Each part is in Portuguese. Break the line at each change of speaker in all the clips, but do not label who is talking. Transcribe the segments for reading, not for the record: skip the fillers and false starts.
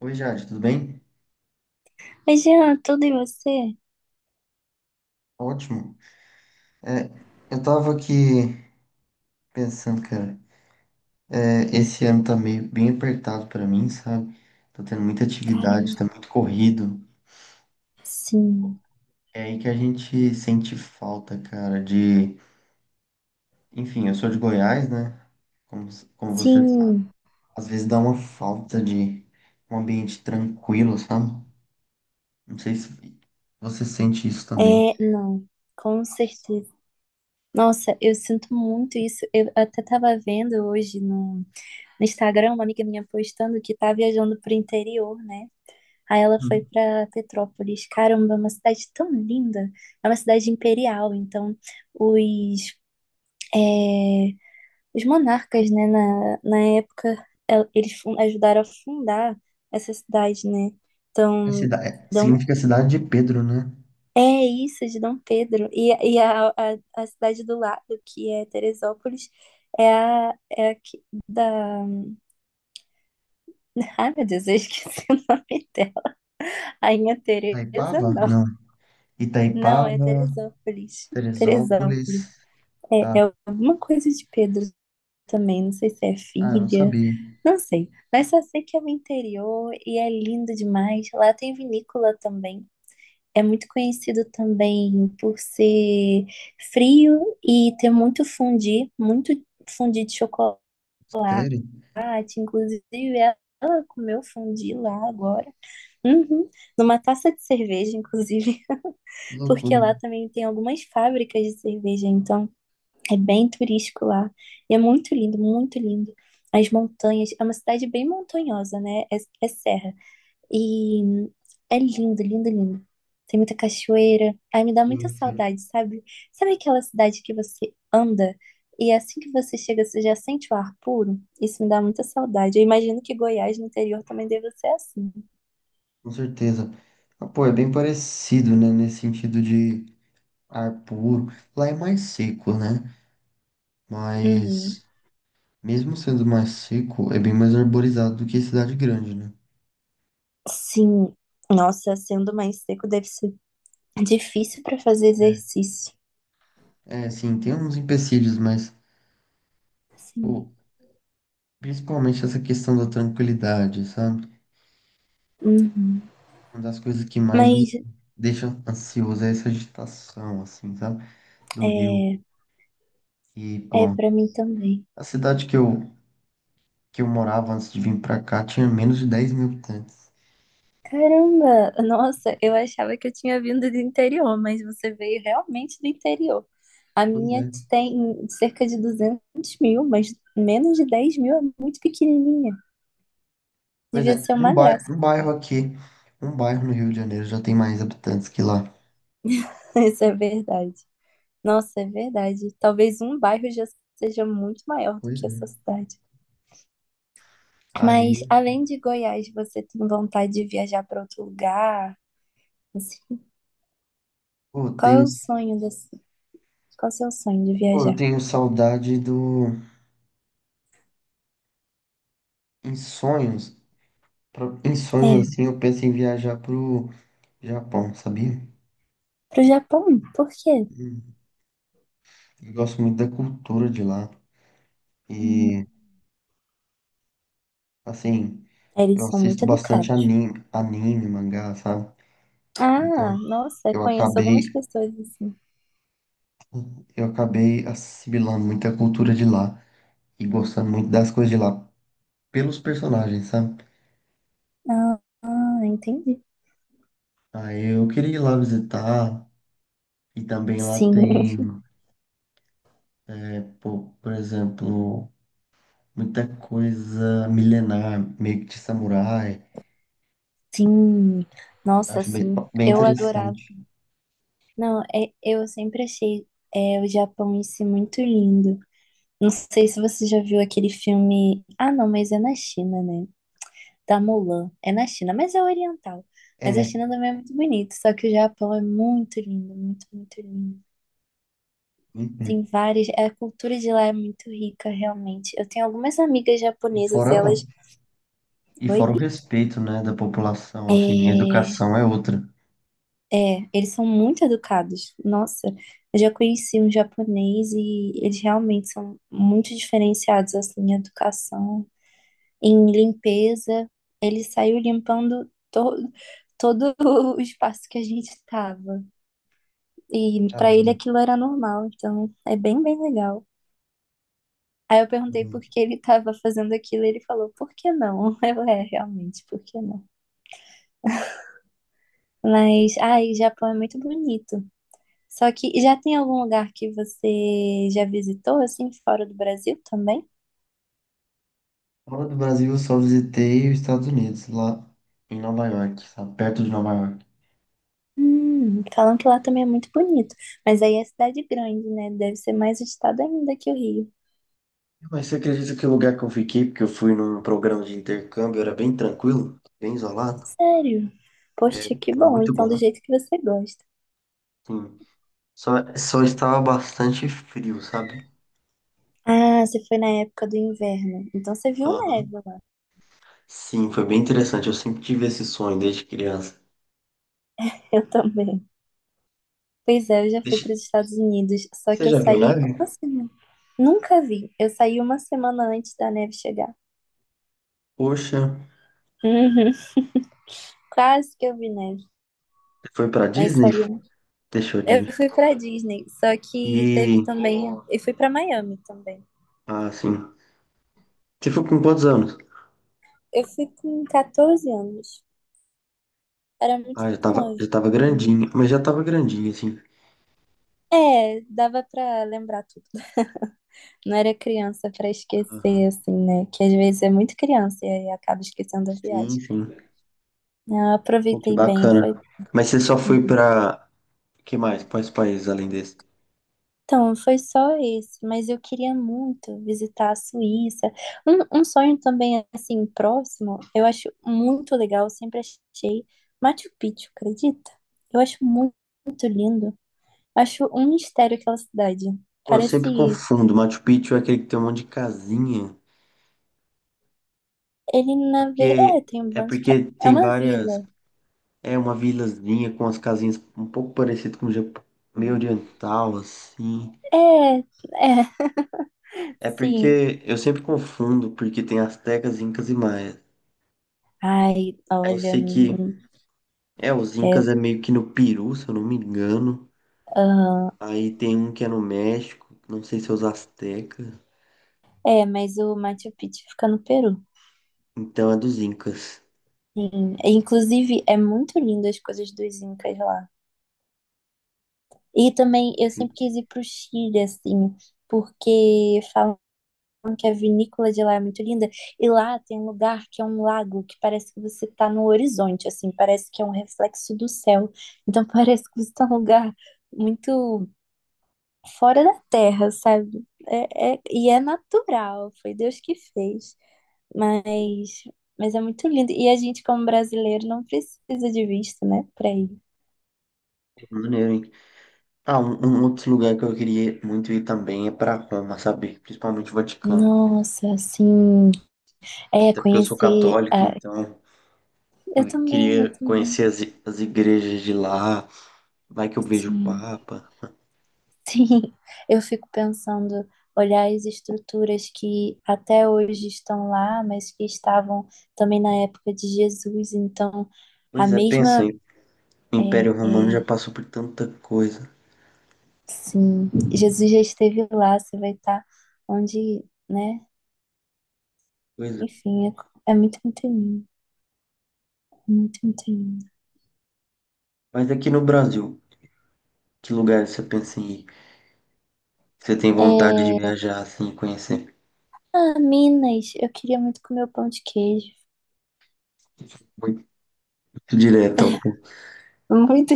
Oi, Jade, tudo bem?
Imagina tudo em você.
Ótimo. É, eu tava aqui pensando, cara, esse ano tá meio bem apertado pra mim, sabe? Tô tendo muita atividade, tá
Caramba.
muito corrido.
Sim.
É aí que a gente sente falta, cara, de. Enfim, eu sou de Goiás, né? Como, como você sabe.
Sim.
Às vezes dá uma falta de um ambiente tranquilo, sabe? Não sei se você sente isso também.
É, não. Com certeza. Nossa, eu sinto muito isso. Eu até tava vendo hoje no Instagram uma amiga minha postando que tá viajando pro interior, né? Aí ela foi
Hum.
pra Petrópolis. Caramba, é uma cidade tão linda. É uma cidade imperial, então os, os monarcas, né, na época, eles ajudaram a fundar essa cidade, né?
É
Então, dão
significa cidade de Pedro, né?
É isso, de Dom Pedro. E a cidade do lado, que é Teresópolis, é a da. Ai, meu Deus, eu esqueci o nome dela. Rainha Teresa,
Itaipava?
não.
Não.
Não, é
Itaipava.
Teresópolis. Teresópolis.
Teresópolis.
É,
Ah,
é alguma coisa de Pedro também. Não sei se é
ah, eu não
filha.
sabia.
Não sei. Mas só sei que é o interior e é lindo demais. Lá tem vinícola também. É muito conhecido também por ser frio e ter muito fondue de chocolate.
Sério?
Inclusive, ela comeu fondue lá agora. Uhum. Numa taça de cerveja, inclusive,
Que
porque
loucura.
lá também tem algumas fábricas de cerveja, então é bem turístico lá. E é muito lindo, muito lindo. As montanhas, é uma cidade bem montanhosa, né? É serra. E é lindo, lindo, lindo. Tem muita cachoeira. Ai, me dá muita
Sim, sim.
saudade, sabe? Sabe aquela cidade que você anda e assim que você chega, você já sente o ar puro? Isso me dá muita saudade. Eu imagino que Goiás, no interior, também deve ser assim.
Com certeza. Ah, pô, é bem parecido, né? Nesse sentido de ar puro. Lá é mais seco, né?
Uhum.
Mas, mesmo sendo mais seco, é bem mais arborizado do que cidade grande, né?
Sim. Nossa, sendo mais seco, deve ser difícil para fazer exercício.
É, sim, tem uns empecilhos, mas,
Sim.
pô, principalmente essa questão da tranquilidade, sabe?
Uhum.
Uma das coisas que mais me
Mas
deixa ansioso é essa agitação, assim, sabe? Do rio.
é,
E,
é
pô,
para mim também.
a cidade que eu morava antes de vir pra cá tinha menos de 10 mil habitantes.
Caramba, nossa, eu achava que eu tinha vindo do interior, mas você veio realmente do interior. A
Pois
minha
é.
tem cerca de 200 mil, mas menos de 10 mil é muito pequenininha.
Pois
Devia
é.
ser
Um
uma graça.
bairro aqui, um bairro no Rio de Janeiro já tem mais habitantes que lá.
Isso é verdade. Nossa, é verdade. Talvez um bairro já seja muito maior do
Pois
que
é.
essa cidade. Mas
Aí,
além de Goiás, você tem vontade de viajar para outro lugar? Assim,
pô, eu
qual
tenho,
é o sonho desse? Qual é o seu sonho de
pô, eu
viajar?
tenho saudade do. Em sonhos, em sonhos
É,
assim, eu penso em viajar pro Japão, sabia?
pro Japão? Por quê?
Hum. Eu gosto muito da cultura de lá. E, assim,
Eles
eu
são
assisto
muito
bastante
educados.
anime, mangá, sabe?
Ah,
Então,
nossa,
eu
conheço
acabei,
algumas pessoas assim.
eu acabei assimilando muita cultura de lá e gostando muito das coisas de lá pelos personagens, sabe?
Ah, entendi.
Aí eu queria ir lá visitar e também lá
Sim,
tem, por exemplo, muita coisa milenar, meio que de samurai.
sim. Nossa,
Acho
sim.
bem
Eu adorava.
interessante.
Não, eu sempre achei o Japão em si muito lindo. Não sei se você já viu aquele filme. Ah, não, mas é na China, né? Da Mulan. É na China, mas é oriental. Mas a
É,
China também é muito bonito. Só que o Japão é muito lindo, muito, muito lindo. Tem
uhum.
várias. A cultura de lá é muito rica, realmente. Eu tenho algumas amigas
E
japonesas e elas. Oi?
fora o respeito, né, da população, assim, a
É,
educação é outra.
é, eles são muito educados. Nossa, eu já conheci um japonês e eles realmente são muito diferenciados, assim, em educação, em limpeza. Ele saiu limpando todo o espaço que a gente estava. E para ele
Caramba.
aquilo era normal, então é bem, bem legal. Aí eu perguntei por
Caramba.
que ele estava fazendo aquilo, e ele falou, por que não? Realmente, por que não? Mas, ai, Japão é muito bonito. Só que já tem algum lugar que você já visitou, assim, fora do Brasil também?
Fora do Brasil, eu só visitei os Estados Unidos, lá em Nova York, sabe? Perto de Nova York.
Falam que lá também é muito bonito. Mas aí é cidade grande, né? Deve ser mais estado ainda que o Rio.
Mas você acredita que o lugar que eu fiquei, porque eu fui num programa de intercâmbio, era bem tranquilo, bem isolado?
Sério?
É,
Poxa, que
era
bom.
muito
Então, do
bom.
jeito que você gosta.
Sim. Só, só estava bastante frio, sabe?
Ah, você foi na época do inverno. Então, você viu neve
Aham.
lá.
Sim, foi bem interessante. Eu sempre tive esse sonho desde criança.
Eu também. Pois é, eu já fui para
Deixa-
os Estados Unidos, só
Você
que eu
já viu
saí uma
neve?
semana. Nunca vi. Eu saí uma semana antes da neve chegar.
Poxa,
Uhum. Quase que eu vi neve,
você foi pra
mas
Disney?
saiu.
Deixou de
Eu
ver.
fui para Disney, só que teve
E,
também. Eu fui para Miami também.
ah, sim. Você foi com quantos anos?
Eu fui com 14 anos. Era muito
Ah,
novo.
já tava grandinho, mas já tava grandinho, assim.
É, dava pra lembrar tudo. Não era criança pra esquecer,
Aham.
assim, né? Que às vezes é muito criança e aí acaba esquecendo a
Sim,
viagem.
sim.
Eu
Pô, que
aproveitei bem,
bacana.
foi.
Mas você só foi pra Que mais? Quais países além desse?
Então, foi só esse, mas eu queria muito visitar a Suíça. Um sonho também, assim, próximo, eu acho muito legal, eu sempre achei Machu Picchu, acredita? Eu acho muito, muito lindo. Acho um mistério aquela cidade.
Pô, eu sempre
Parece
confundo. Machu Picchu é aquele que tem um monte de casinha.
ele na ver... É, tem um
É
bando de... ca-
porque
É
tem
uma
várias.
vila.
É uma vilazinha com as casinhas um pouco parecido com o Japão, meio oriental, assim.
É,
É
sim.
porque eu sempre confundo, porque tem astecas, incas e maias.
Ai,
Aí eu
olha,
sei que. É, os
é,
incas é meio que no Peru, se eu não me engano.
aham.
Aí tem um que é no México, não sei se é os astecas.
É, mas o Machu Picchu fica no Peru.
Então é dos incas.
Sim. Inclusive, é muito lindo as coisas dos Incas lá. E também eu
Assim,
sempre quis ir pro Chile, assim, porque falam que a vinícola de lá é muito linda. E lá tem um lugar que é um lago que parece que você tá no horizonte, assim, parece que é um reflexo do céu. Então parece que você tá num lugar muito fora da terra, sabe? E é natural, foi Deus que fez. Mas, mas é muito lindo. E a gente, como brasileiro, não precisa de visto, né, pra ir.
maneiro, hein? Ah, um outro lugar que eu queria muito ir também é para Roma, sabe? Principalmente o Vaticano.
Nossa, assim,
Até porque eu sou
conhecer.
católico,
Ah,
então eu queria
eu também,
conhecer as igrejas de lá. Vai que eu vejo o
sim,
Papa.
sim. Eu fico pensando, olhar as estruturas que até hoje estão lá, mas que estavam também na época de Jesus. Então, a
Pois é, pensa
mesma,
aí. O
é,
Império Romano
é,
já passou por tanta coisa.
sim, Jesus já esteve lá, você vai estar onde, né?
Pois é.
Enfim, é muito, muito lindo, muito, muito lindo.
Mas aqui no Brasil, que lugar você pensa em ir? Você tem vontade de
É,
viajar assim, e conhecer?
ah, Minas, eu queria muito comer o pão de queijo.
Muito direto ao ponto.
Muito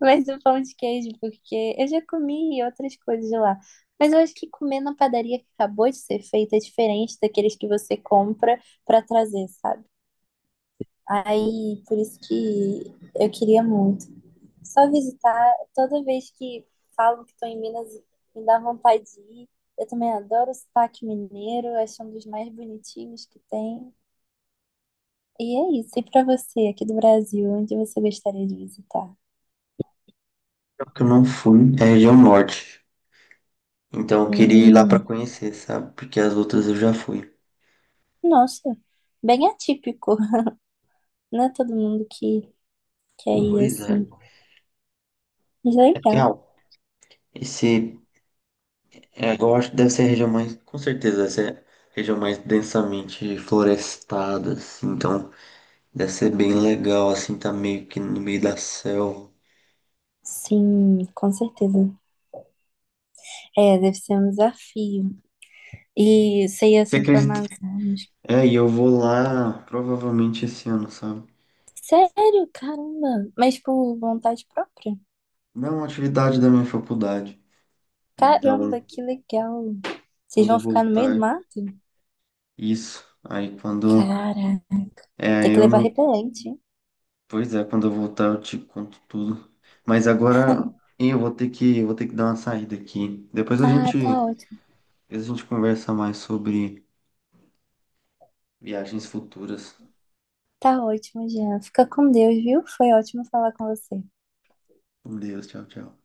Mas o pão de queijo, porque eu já comi outras coisas lá. Mas eu acho que comer na padaria que acabou de ser feita é diferente daqueles que você compra pra trazer, sabe? Aí, por isso que eu queria muito. Só visitar, toda vez que falam que estou em Minas, me dá vontade de ir. Eu também adoro o sotaque mineiro, acho um dos mais bonitinhos que tem. E é isso. E pra você, aqui do Brasil, onde você gostaria de visitar?
Só que eu não fui é a região norte. Então eu queria ir lá para
Hum,
conhecer, sabe? Porque as outras eu já fui.
Nossa, bem atípico. Não é todo mundo que quer ir
Pois é.
assim. Mas
É porque,
legal.
ah, esse, é, eu acho que deve ser a região mais, com certeza, deve ser a região mais densamente florestada, assim, então deve ser bem legal, assim, tá meio que no meio da selva.
Sim, com certeza. É, deve ser um desafio. E você ir
Você
assim pra
acredita?
Amazonas.
É, e eu vou lá provavelmente esse ano, sabe?
Sério? Caramba! Mas por vontade própria?
Não, é uma atividade da minha faculdade. Então,
Caramba, que legal! Vocês
quando
vão
eu
ficar no meio do
voltar,
mato?
isso. Aí quando.
Caraca,
É,
tem
aí
que
eu
levar
não.
repelente, hein?
Pois é, quando eu voltar eu te conto tudo. Mas agora eu vou ter que dar uma saída aqui.
Ah, tá ótimo.
Depois a gente conversa mais sobre viagens futuras.
Tá ótimo, Jean. Fica com Deus, viu? Foi ótimo falar com você.
Com Deus, tchau, tchau.